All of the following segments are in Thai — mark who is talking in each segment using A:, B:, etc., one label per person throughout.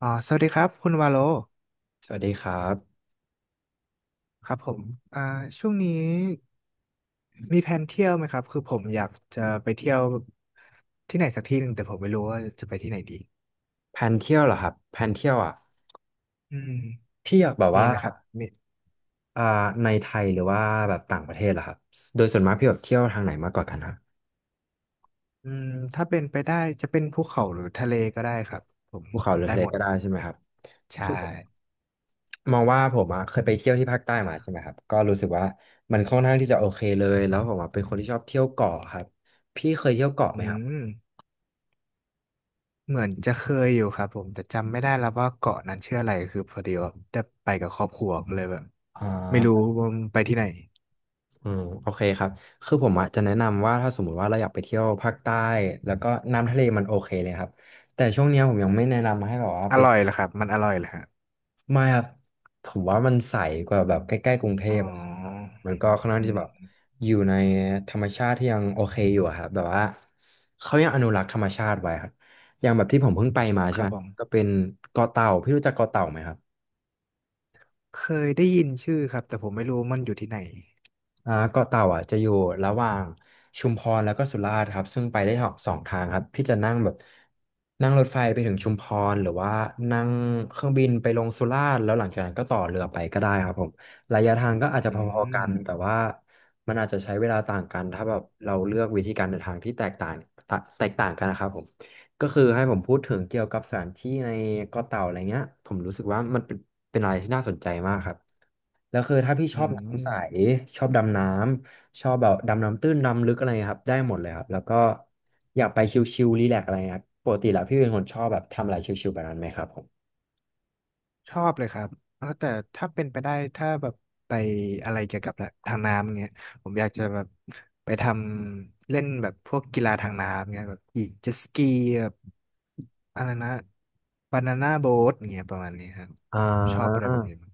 A: อ๋อสวัสดีครับคุณวาโล
B: สวัสดีครับ
A: ครับผมอ่าช่วงนี้มีแผนเที่ยวไหมครับคือผมอยากจะไปเที่ยวที่ไหนสักที่หนึ่งแต่ผมไม่รู้ว่าจะไปที่ไหนดี
B: แผนเที่ยวเหรอครับแผนเที่ยวอ่ะ
A: อืม
B: พี่อยากแบบ
A: มี
B: ว่า
A: ไหมครับมี
B: อ่าในไทยหรือว่าแบบต่างประเทศเหรอครับโดยส่วนมากพี่แบบเที่ยวทางไหนมากกว่ากันครับ
A: อืมถ้าเป็นไปได้จะเป็นภูเขาหรือทะเลก็ได้ครับผม
B: ภูเขาหรือ
A: ได้
B: ทะเล
A: หมด
B: ก็ได้ใช่ไหมครับ
A: ใช่
B: คือมองว่าผมอ่ะเคยไปเที่ยวที่ภาคใต้มาใช่ไหมครับก็รู้สึกว่ามันค่อนข้างที่จะโอเคเลยแล้วผมอ่ะเป็นคนที่ชอบเที่ยวเกาะครับพี่เคยเที่ยวเกาะไห
A: อื
B: มครับ
A: มเหมือนจะเคยอยู่ครับผมแต่จำไม่ได้แล้วว่าเกาะนั้นชื่ออะไรคือพอดีว่าได้ไปกับครอบครัวก็เลยแบบ
B: อ่
A: ไม่รู้
B: า
A: ว่ามันไปที่ไหน
B: อืมโอเคครับคือผมอ่ะจะแนะนำว่าถ้าสมมุติว่าเราอยากไปเที่ยวภาคใต้แล้วก็น้ำทะเลมันโอเคเลยครับแต่ช่วงเนี้ยผมยังไม่แนะนำให้แบบว่า
A: อ
B: ไป
A: ร่อยเหรอครับมันอร่อยเหรอฮะ
B: ไม่ครับผมว่ามันใสกว่าแบบใกล้ๆกรุงเท
A: อ๋อ
B: พอะไรครับมันก็ค่อนข้าง
A: อื
B: ที่จะแบบ
A: ม
B: อยู่ในธรรมชาติที่ยังโอเคอยู่อะครับแบบว่าเขายังอนุรักษ์ธรรมชาติไว้ครับอย่างแบบที่ผมเพิ่งไปมา
A: ค
B: ใช่
A: รั
B: ไห
A: บ
B: ม
A: ผม
B: ก็เป็นเกาะเต่าพี่รู้จักเกาะเต่าไหมครับ
A: เคยได้ยินชื่อครับแต่ผมไม่รู้มันอยู่ที่ไหน
B: อ่าเกาะเต่าอ่ะจะอยู่ระหว่างชุมพรแล้วก็สุราษฎร์ครับซึ่งไปได้สองทางครับพี่จะนั่งแบบนั่งรถไฟไปถึงชุมพรหรือว่านั่งเครื่องบินไปลงสุราษฎร์แล้วหลังจากนั้นก็ต่อเรือไปก็ได้ครับผมระยะทางก็อาจจะ
A: อื
B: พอๆกั
A: ม
B: นแต่ว่ามันอาจจะใช้เวลาต่างกันถ้าแบบเราเลือกวิธีการเดินทางที่แตกต่างกันนะครับผมก็คือให้ผมพูดถึงเกี่ยวกับสถานที่ในเกาะเต่าอะไรเงี้ยผมรู้สึกว่ามันเป็นอะไรที่น่าสนใจมากครับ แล้วคือถ้าพี่ช
A: อื
B: อบน้ำใส
A: ม
B: ชอบดำน้ำชอบแบบดำน้ำตื้นดำลึกอะไรครับได้หมดเลยครับแล้วก็อยากไปชิลๆรีแลกซ์อะไรครับปกติแล้วพี่เป็นคนชอบแบบทำอะไรชิลๆแบบนั้นไหมครับผม
A: ชอบเลยครับเออแต่ถ้าเป็นไปได้ถ้าแบบไปอะไรเกี่ยวกับทางน้ำเงี้ยผมอยากจะแบบไปทำเล่นแบบพวกกีฬาทางน้ำเงี้ยแบบขี่เจ็ตสกีแบบอะไรนะบานาน่าโบ๊ทเงี้ยประมาณนี้ครับ
B: อ่
A: ผมชอบอะไร
B: า
A: แบบนี้มาก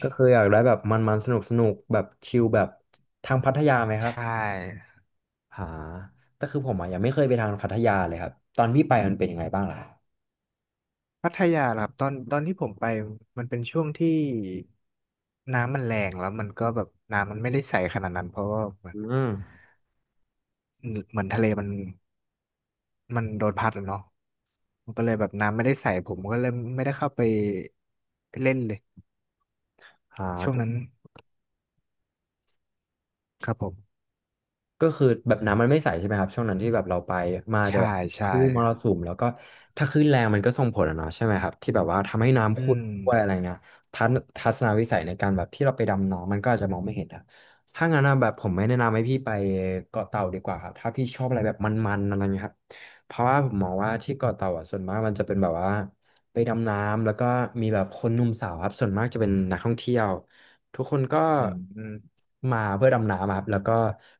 B: ก็คืออยากได้แบบมันๆสนุกๆแบบชิลแบบทางพัทยาไหมค
A: ใช
B: รับ
A: ่
B: หาแต่คือผมอ่ะยังไม่เคยไปทางพัทยาเลยครับตอนพี่ไปมันเป็นยังไงบ้างล่ะ
A: พัทยาล่ะครับตอนที่ผมไปมันเป็นช่วงที่น้ำมันแรงแล้วมันก็แบบน้ำมันไม่ได้ใสขนาดนั้นเพราะว่าเหมือ
B: อื
A: น
B: ม
A: เหมือนทะเลมันโดนพัดแล้วเนาะมันก็เลยแบบน้ำไม่ได้ใสผมก็เลยไม่ได้เข้าไปเล่นเลย
B: อ่า
A: ช่วงนั้นครับผม
B: ก็คือแบบน้ำมันไม่ใสใช่ไหมครับช่วงนั้นที่แบบเราไปมาจะ
A: ใช่
B: แบบค
A: ใช่
B: ลื่นมรสุมแล้วก็ถ้าคลื่นแรงมันก็ส่งผลอะเนาะใช่ไหมครับที่แบบว่าทำให้น้ำ
A: อื
B: ขุ่น
A: ม
B: ด้วยอะไรเงี้ยทัศนวิสัยในการแบบที่เราไปดำน้ำมันก็อาจจะมองไม่เห็นครับถ้างั้นนะแบบผมไม่แนะนำให้พี่ไปเกาะเต่าดีกว่าครับถ้าพี่ชอบอะไรแบบมันๆอะไรเงี้ยครับเพราะว่าผมมองว่าที่เกาะเต่าอ่ะส่วนมากมันจะเป็นแบบว่าไปดำน้ำแล้วก็มีแบบคนหนุ่มสาวครับส่วนมากจะเป็นนักท่องเที่ยว ทุกคนก็
A: อืม
B: มาเพื่อดำน้ำอะครับแล้วก็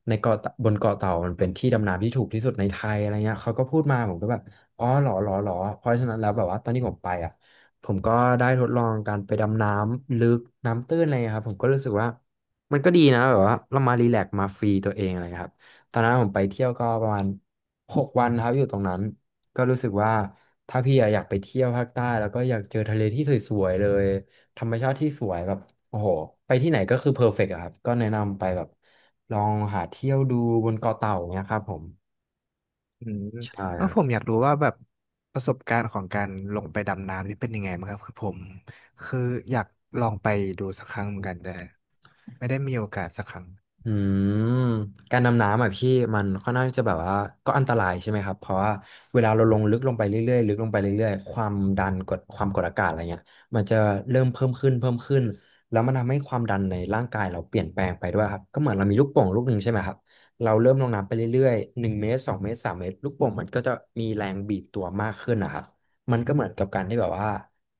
B: ในเกาะบนเกาะเต่ามันเป็นที่ดำน้ำที่ถูกที่สุดในไทยอะไรเงี้ยเขาก็พูดมาผมก็แบบอ๋อเหรอเหรอเหรอเพราะฉะนั้นแล้วแบบว่าตอนที่ผมไปอ่ะผมก็ได้ทดลองการไปดำน้ำลึกน้ำตื้นอะไรครับผมก็รู้สึกว่ามันก็ดีนะแบบว่าเรามารีแลกซ์มาฟรีตัวเองอะไรครับตอนนั้นผมไปเที่ยวก็ประมาณ6 วันครับอยู่ตรงนั้นก็รู้สึกว่าถ้าพี่อะอยากไปเที่ยวภาคใต้แล้วก็อยากเจอทะเลที่สวยๆเลย ธรรมชาติที่สวยแบบโอ้โหไปที่ไหนก็คือเพอร์เฟกต์อะครับก็แนะนำไปแบบลองหาเที่ยวดูบนเกาะเต่าเนี้ยครับผม
A: อืม
B: ใช่
A: เออ
B: ครั
A: ผมอ
B: บ
A: ยากรู้ว่าแบบประสบการณ์ของการลงไปดำน้ำนี่เป็นยังไงบ้างครับคือผมคืออยากลองไปดูสักครั้งเหมือนกันแต่ไม่ได้มีโอกาสสักครั้ง
B: อืมการดำน้ำอ่ะพี่มันค่อนข้างที่จะแบบว่าก็อันตรายใช่ไหมครับเพราะว่าเวลาเราลงลึกลงไปเรื่อยๆลึกลงไปเรื่อยๆความดันกดความกดอากาศอะไรเงี้ยมันจะเริ่มเพิ่มขึ้นเพิ่มขึ้นแล้วมันทำให้ความดันในร่างกายเราเปลี่ยนแปลงไปด้วยครับก็เหมือนเรามีลูกโป่งลูกหนึ่งใช่ไหมครับเราเริ่มลงน้ำไปเรื่อยๆ1 เมตร2 เมตร3 เมตรลูกโป่งมันก็จะมีแรงบีบตัวมากขึ้นนะครับมันก็เหมือนกับการที่แบบว่า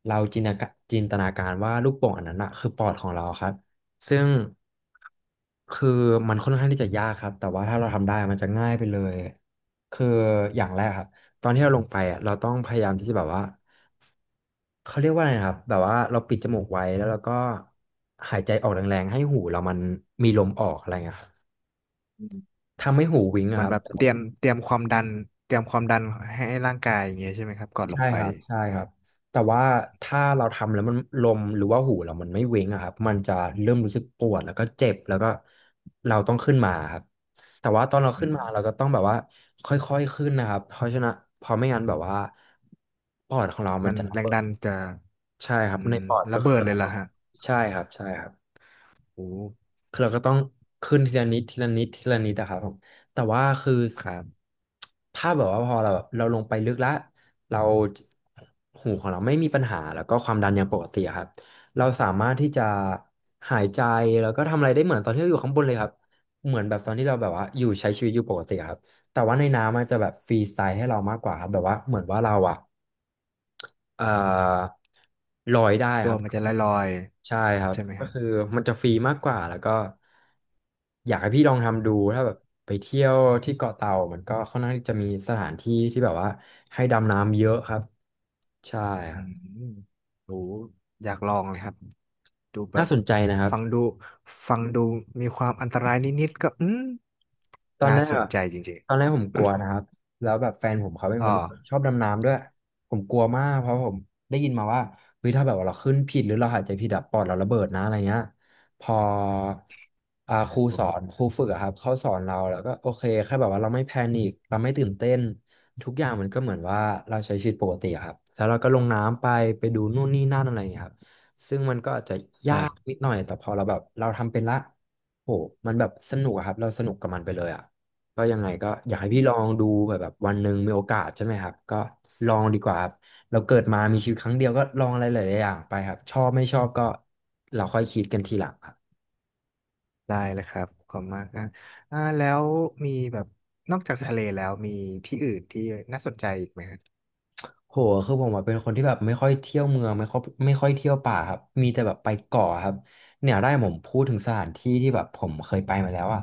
B: เราจินตนาการว่าลูกโป่งอันนั้นอ่ะคือปอดของเราครับ ซึ่งคือมันค่อนข้างที่จะยากครับแต่ว่าถ้าเราทำได้มันจะง่ายไปเลยคืออย่างแรกครับตอนที่เราลงไปอ่ะเราต้องพยายามที่จะแบบว่าเขาเรียกว่าอะไรนะครับแบบว่าเราปิดจมูกไว้แล้วเราก็หายใจออกแรงๆให้หูเรามันมีลมออกอะไรเงี้ยครับทำให้หูวิงอะ
A: มั
B: ค
A: น
B: รับ
A: แบบเตรียมความดันเตรียมความดันให้ร่างกายอย่างเงี้ยใช่ไหมครับก่อนล
B: ใช่
A: งไป
B: ครับใช่ครับแต่ว่าถ้าเราทำแล้วมันลมหรือว่าหูเรามันไม่เว้งอะครับมันจะเริ่มรู้สึกปวดแล้วก็เจ็บแล้วก็เราต้องขึ้นมาครับแต่ว่าตอนเรา
A: อื
B: ขึ้น
A: ม
B: มาเราก็ต้องแบบว่าค่อยๆขึ้นนะครับเพราะฉะนั้นเพอไม่งั้นแบบว่าปอดของเรามั
A: มั
B: น
A: น
B: จะระ
A: แรง
B: เบิ
A: ดัน
B: ด
A: จะ
B: ใช่ค
A: อื
B: รับใน
A: ม
B: ปอดก็
A: ระ
B: คื
A: เบิ
B: อ
A: ด
B: จะ
A: เลย
B: ระเบิ
A: ล่ะ
B: ด
A: ฮะ
B: ใช่ครับใช่ครับ
A: โอ้
B: คือเราก็ต้องขึ้นทีละนิดทีละนิดทีละนิดอะครับผมแต่ว่าคือ
A: ครับ
B: ถ้าแบบว่าพอเราแบบเราลงไปลึกแล้วเราหูของเราไม่มีปัญหาแล้วก็ความดันยังปกติอะครับเราสามารถที่จะหายใจแล้วก็ทำอะไรได้เหมือนตอนที่เราอยู่ข้างบนเลยครับเหมือนแบบตอนที่เราแบบว่าอยู่ใช้ชีวิตอยู่ปกติอะครับแต่ว่าในน้ำมันจะแบบฟรีสไตล์ให้เรามากกว่าครับแบบว่าเหมือนว่าเราอะ เอ่อลอยได้
A: ตั
B: ค
A: ว
B: รับ
A: มันจะลอย
B: ใช่ครั
A: ๆ
B: บ
A: ใช่ไหม
B: ก็
A: ฮะ
B: คือมันจะฟรีมากกว่าแล้วก็อยากให้พี่ลองทำดูถ้าแบบไปเที่ยวที่เกาะเต่ามันก็ค่อนข้างที่จะมีสถานที่ที่แบบว่าให้ดำน้ำเยอะครับใช่ค
A: อื
B: รั
A: ม
B: บ
A: โหอยากลองเลยครับดูแบ
B: น่า
A: บ
B: สนใจนะครับ
A: ฟังดูฟังดูมีความอันตรายนิดๆก็อืม
B: ตอน
A: น่า
B: แรก
A: สน
B: อะ
A: ใจจริง
B: ตอนแรกผมกลัวนะครับ แล้วแบบแฟนผมเขาเป็
A: ๆ
B: น
A: อ๋อ
B: คนที่ชอบดำน้ำด้วย ผมกลัวมากเพราะผมได้ยินมาว่าเฮ้ยถ้าแบบว่าเราขึ้นผิดหรือเราหายใจผิดอะปอดเราระเบิดนะอะไรเงี้ยพอครูสอนครูฝึกอะครับเขาสอนเราแล้วก็โอเคแค่แบบว่าเราไม่แพนิคเราไม่ตื่นเต้นทุกอย่างมันก็เหมือนว่าเราใช้ชีวิตปกติอะครับแล้วเราก็ลงน้ำไปไปดูนู่นนี่นั่นอะไรอย่างเงี้ยครับซึ่งมันก็อาจจะ
A: ค
B: ยา
A: รั
B: ก
A: บ
B: นิดหน่อยแต่พอเราแบบเราทำเป็นละ โหมันแบบสนุกอะครับเราสนุกกับมันไปเลยอ่ะก็ยังไงก็อยากให้พี่ลองดูแบบแบบวันหนึ่งมีโอกาสใช่ไหมครับก็ลองดีกว่าครับเราเกิดมามีชีวิตครั้งเดียวก็ลองอะไรหลายๆอย่างไปครับชอบไม่ชอบก็เราค่อยคิดกันทีหลังครับ
A: ได้เลยครับขอบคุณมากนะแล้วมีแบบนอกจากทะเลแล้วมีที่อื่นที่น่าสนใจอีกไหมครับ
B: โหคือผมอะเป็นคนที่แบบไม่ค่อยเที่ยวเมืองไม่ค่อยเที่ยวป่าครับมีแต่แบบไปเกาะครับเนี่ยได้ผมพูดถึงสถานที่ที่แบบผมเคยไปมาแล้วอ่ะ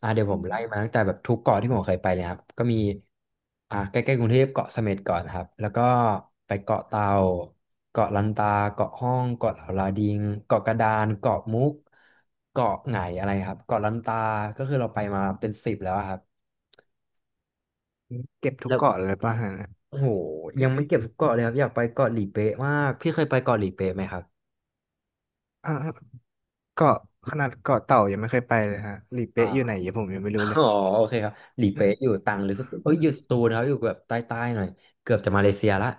B: เดี๋ยวผ
A: อื
B: มไล่
A: ม
B: มาตั้งแต่แบบทุกเกาะที่ผมเคยไปเลยครับก็มีใกล้ๆกรุงเทพเกาะเสม็ดก่อนครับแล้วก็ไปเกาะเต่าเกาะลันตาเกาะห้องเกาะเหลาลาดิงเกาะกระดานเกาะมุกเกาะไหงอะไรครับเกาะลันตาก็คือเราไปมาเป็นสิบแล้วอะครับ
A: เก็บทุก
B: แล้ว
A: เกาะเลยป่ะฮะ
B: โอ้โหยังไม่เก็บทุกเกาะเลยครับอยากไปเกาะหลีเป๊ะมากพี่เคยไปเกาะหลีเป๊ะไหมครับ
A: อ่าเกาะขนาดเกาะเต่ายังไม่เคยไปเลยฮะหลี
B: อ่า
A: เป๊ะอยู่ไหนยังผมยังไม่รู้เลย
B: อ๋อโอเคครับหลีเป๊ะอยู่ตรังหรือสตูเอ้ยอยู่สตูนะครับอยู่แบบใต้ๆหน่อยเกือบจะมาเลเซียละ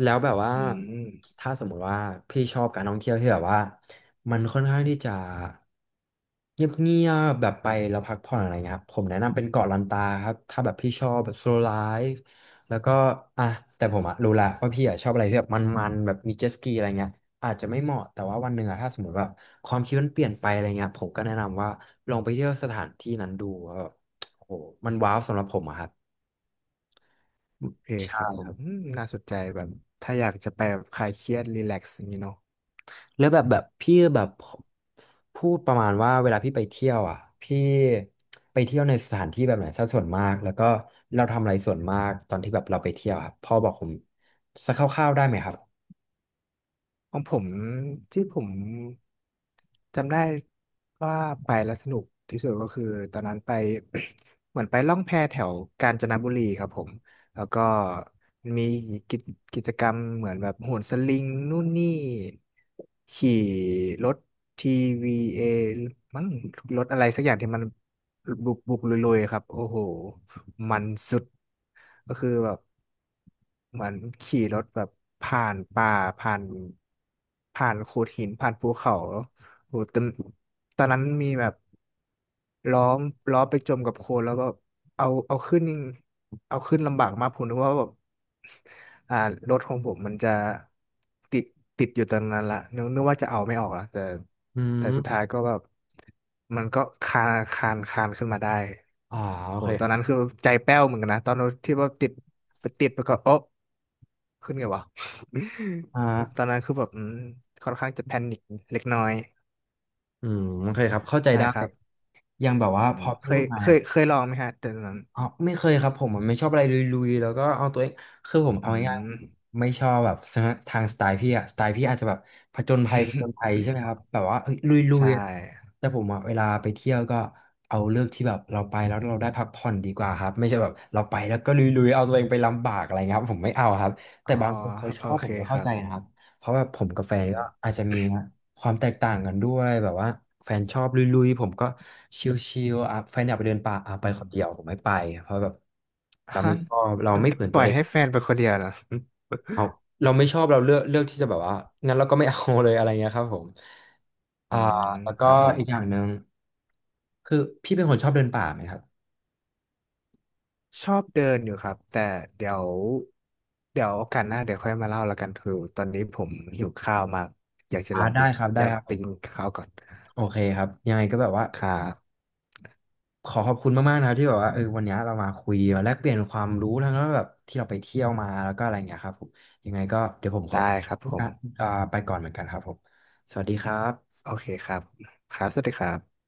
B: แล้วแบบว่า
A: อืม
B: ถ้าสมมุติว่าพี่ชอบการท่องเที่ยวที่แบบว่ามันค่อนข้างที่จะเงียบๆแบบไปแล้วพักผ่อนอะไรเงี้ยครับผมแนะนำเป็นเกาะลันตาครับถ้าแบบพี่ชอบแบบโซลไลฟ์แล้วก็อ่ะแต่ผมอะรู้ละว่าพี่อะชอบอะไรที่แบบมันๆแบบมีเจ็ตสกีอะไรเงี้ย อาจจะไม่เหมาะแต่ว่าวันหนึ่งอะถ้าสมมติแบบความคิดมันเปลี่ยนไปอะไรเงี้ยผมก็แนะนำว่าลองไปเที่ยวสถานที่นั้นดูว่าแบบโอ้โหมันว้าวสำหรับผมอะครับ
A: โอเคค
B: ใช่
A: รับผ
B: ค
A: ม
B: รับ
A: อืมน่าสนใจแบบถ้าอยากจะไปแบบคลายเครียดรีแลกซ์อย่างนี้เนาะ
B: แล้วแบบแบบพี่แบบพูดประมาณว่าเวลาพี่ไปเที่ยวอ่ะพี่ไปเที่ยวในสถานที่แบบไหนซะส่วนมากแล้วก็เราทำอะไรส่วนมากตอนที่แบบเราไปเที่ยวครับพ่อบอกผมสักคร่าวๆได้ไหมครับ
A: ของผมที่ผมจำได้ว่าไปแล้วสนุกที่สุดก็คือตอนนั้นไป เหมือนไปล่องแพแถวกาญจนบุรีครับผมแล้วก็มีกิจกิจกรรมเหมือนแบบโหนสลิงนู่นนี่ขี่รถ TVA มั้งรถอะไรสักอย่างที่มัน บุกลุยๆครับโอ้โหมันสุดก็คือแบบเหมือนขี่รถแบบผ่านป่าผ่านผ่านโขดหินผ่านภูเขาโอ้โหตอนตอนนั้นมีแบบ ล้อมล้อไปจมกับโคลนแล้วก็เอาเอาขึ้นนี่เอาขึ้นลำบากมากผมนึกว่าแบบอ่ารถของผมมันจะติดติดอยู่ตอนนั้นละนึกนึกว่าจะเอาไม่ออกละแต่
B: อื
A: แต่
B: ม
A: สุดท้ายก็แบบมันก็คานขึ้นมาได้
B: อ๋อโอ
A: โอ้
B: เค
A: ตอ
B: ค
A: น
B: รั
A: นั้น
B: บ
A: คือใจแป้วเหมือนกันนะตอนที่ว่าติดไปติดไปก็โอ๊ะขึ้นไงวะ
B: อ่
A: ตอน
B: า
A: นั้นคือแบบอืมค่อนข้างจะแพนิคเล็กน้อย
B: อืมโอเคครับเข้าใจ
A: ใช่
B: ได้
A: ครับ
B: ยังแบบว่า
A: อื
B: พ
A: ม
B: อ
A: เค
B: พี่พู
A: ย
B: ดมา
A: เค
B: เนี่ย
A: ยเคยลองไหมฮะตอนนั้น
B: อ๋อไม่เคยครับผมอะไม่ชอบอะไรลุยๆแล้วก็เอาตัวเองคือผม
A: อื
B: เอาง่าย
A: ม
B: ๆไม่ชอบแบบทางสไตล์พี่อะสไตล์พี่อาจจะแบบผจญ ภัยใช่ไหมครับแบบว่าเอ้ยลุย
A: ใช่
B: ๆอะแต่ผมอะเวลาไปเที่ยวก็เอาเลือกที่แบบเราไปแล้วเราได้พักผ่อนดีกว่าครับไม่ใช่แบบเราไปแล้วก็ลุยๆเอาตัวเองไปลำบากอะไรเงี้ยครับผมไม่เอาครับ
A: อ๋
B: แต่
A: อ
B: บางคนเขาช
A: โอ
B: อบผ
A: เค
B: มก็
A: ค
B: เข้า
A: รั
B: ใจ
A: บ
B: นะครับ เพราะแบบผมกับแฟ
A: อื
B: น
A: ม
B: ก็อาจจะมีความแตกต่างกันด้วยแบบว่าแฟนชอบลุยๆผมก็ชิลๆอ่ะแฟนอยากไปเดินป่าอ่ะไป
A: อืม
B: คนเดียวผมไม่ไปเพราะแบบเราไม่
A: ฮะ
B: ชอบเราไม่เหมือน
A: ป
B: ตั
A: ล่
B: ว
A: อ
B: เอ
A: ย
B: ง
A: ให้แฟนไปคนเดียวนะ
B: เราเราไม่ชอบเราเลือกที่จะแบบว่างั้นเราก็ไม่เอาเลยอะไรเงี้ยครับผม
A: อื
B: อ่า
A: ม
B: แล้ว
A: ค
B: ก็
A: รับผ
B: อี
A: ม
B: กอย่างหนึ่งคือพี่เป็นคนชอบเดินป่าไหมครับ
A: ชอบเดินอยู่ครับแต่เดี๋ยวเดี๋ยวโอกาสหน้าเดี๋ยวค่อยมาเล่าแล้วกันคือตอนนี้ผมหิวข้าวมากอยากจะลองไป
B: ได้ครับ
A: อ
B: ได้
A: ยาก
B: ครับผ
A: ไป
B: ม
A: กินข้าวก่อน
B: โอเคครับยังไงก็แบบว่า
A: ครับ
B: ขอขอบคุณมากๆนะครับที่แบบว่าเออวันนี้เรามาคุยมาแลกเปลี่ยนความรู้ทั้งแบบที่เราไปเที่ยวมาแล้วก็อะไรอย่างเงี้ยครับผม
A: ได้ครับผม
B: อ่ะไปก่อนเหมือนกันครับผมสวัสดีครับ
A: โอเคครับครับสวัสดีครับ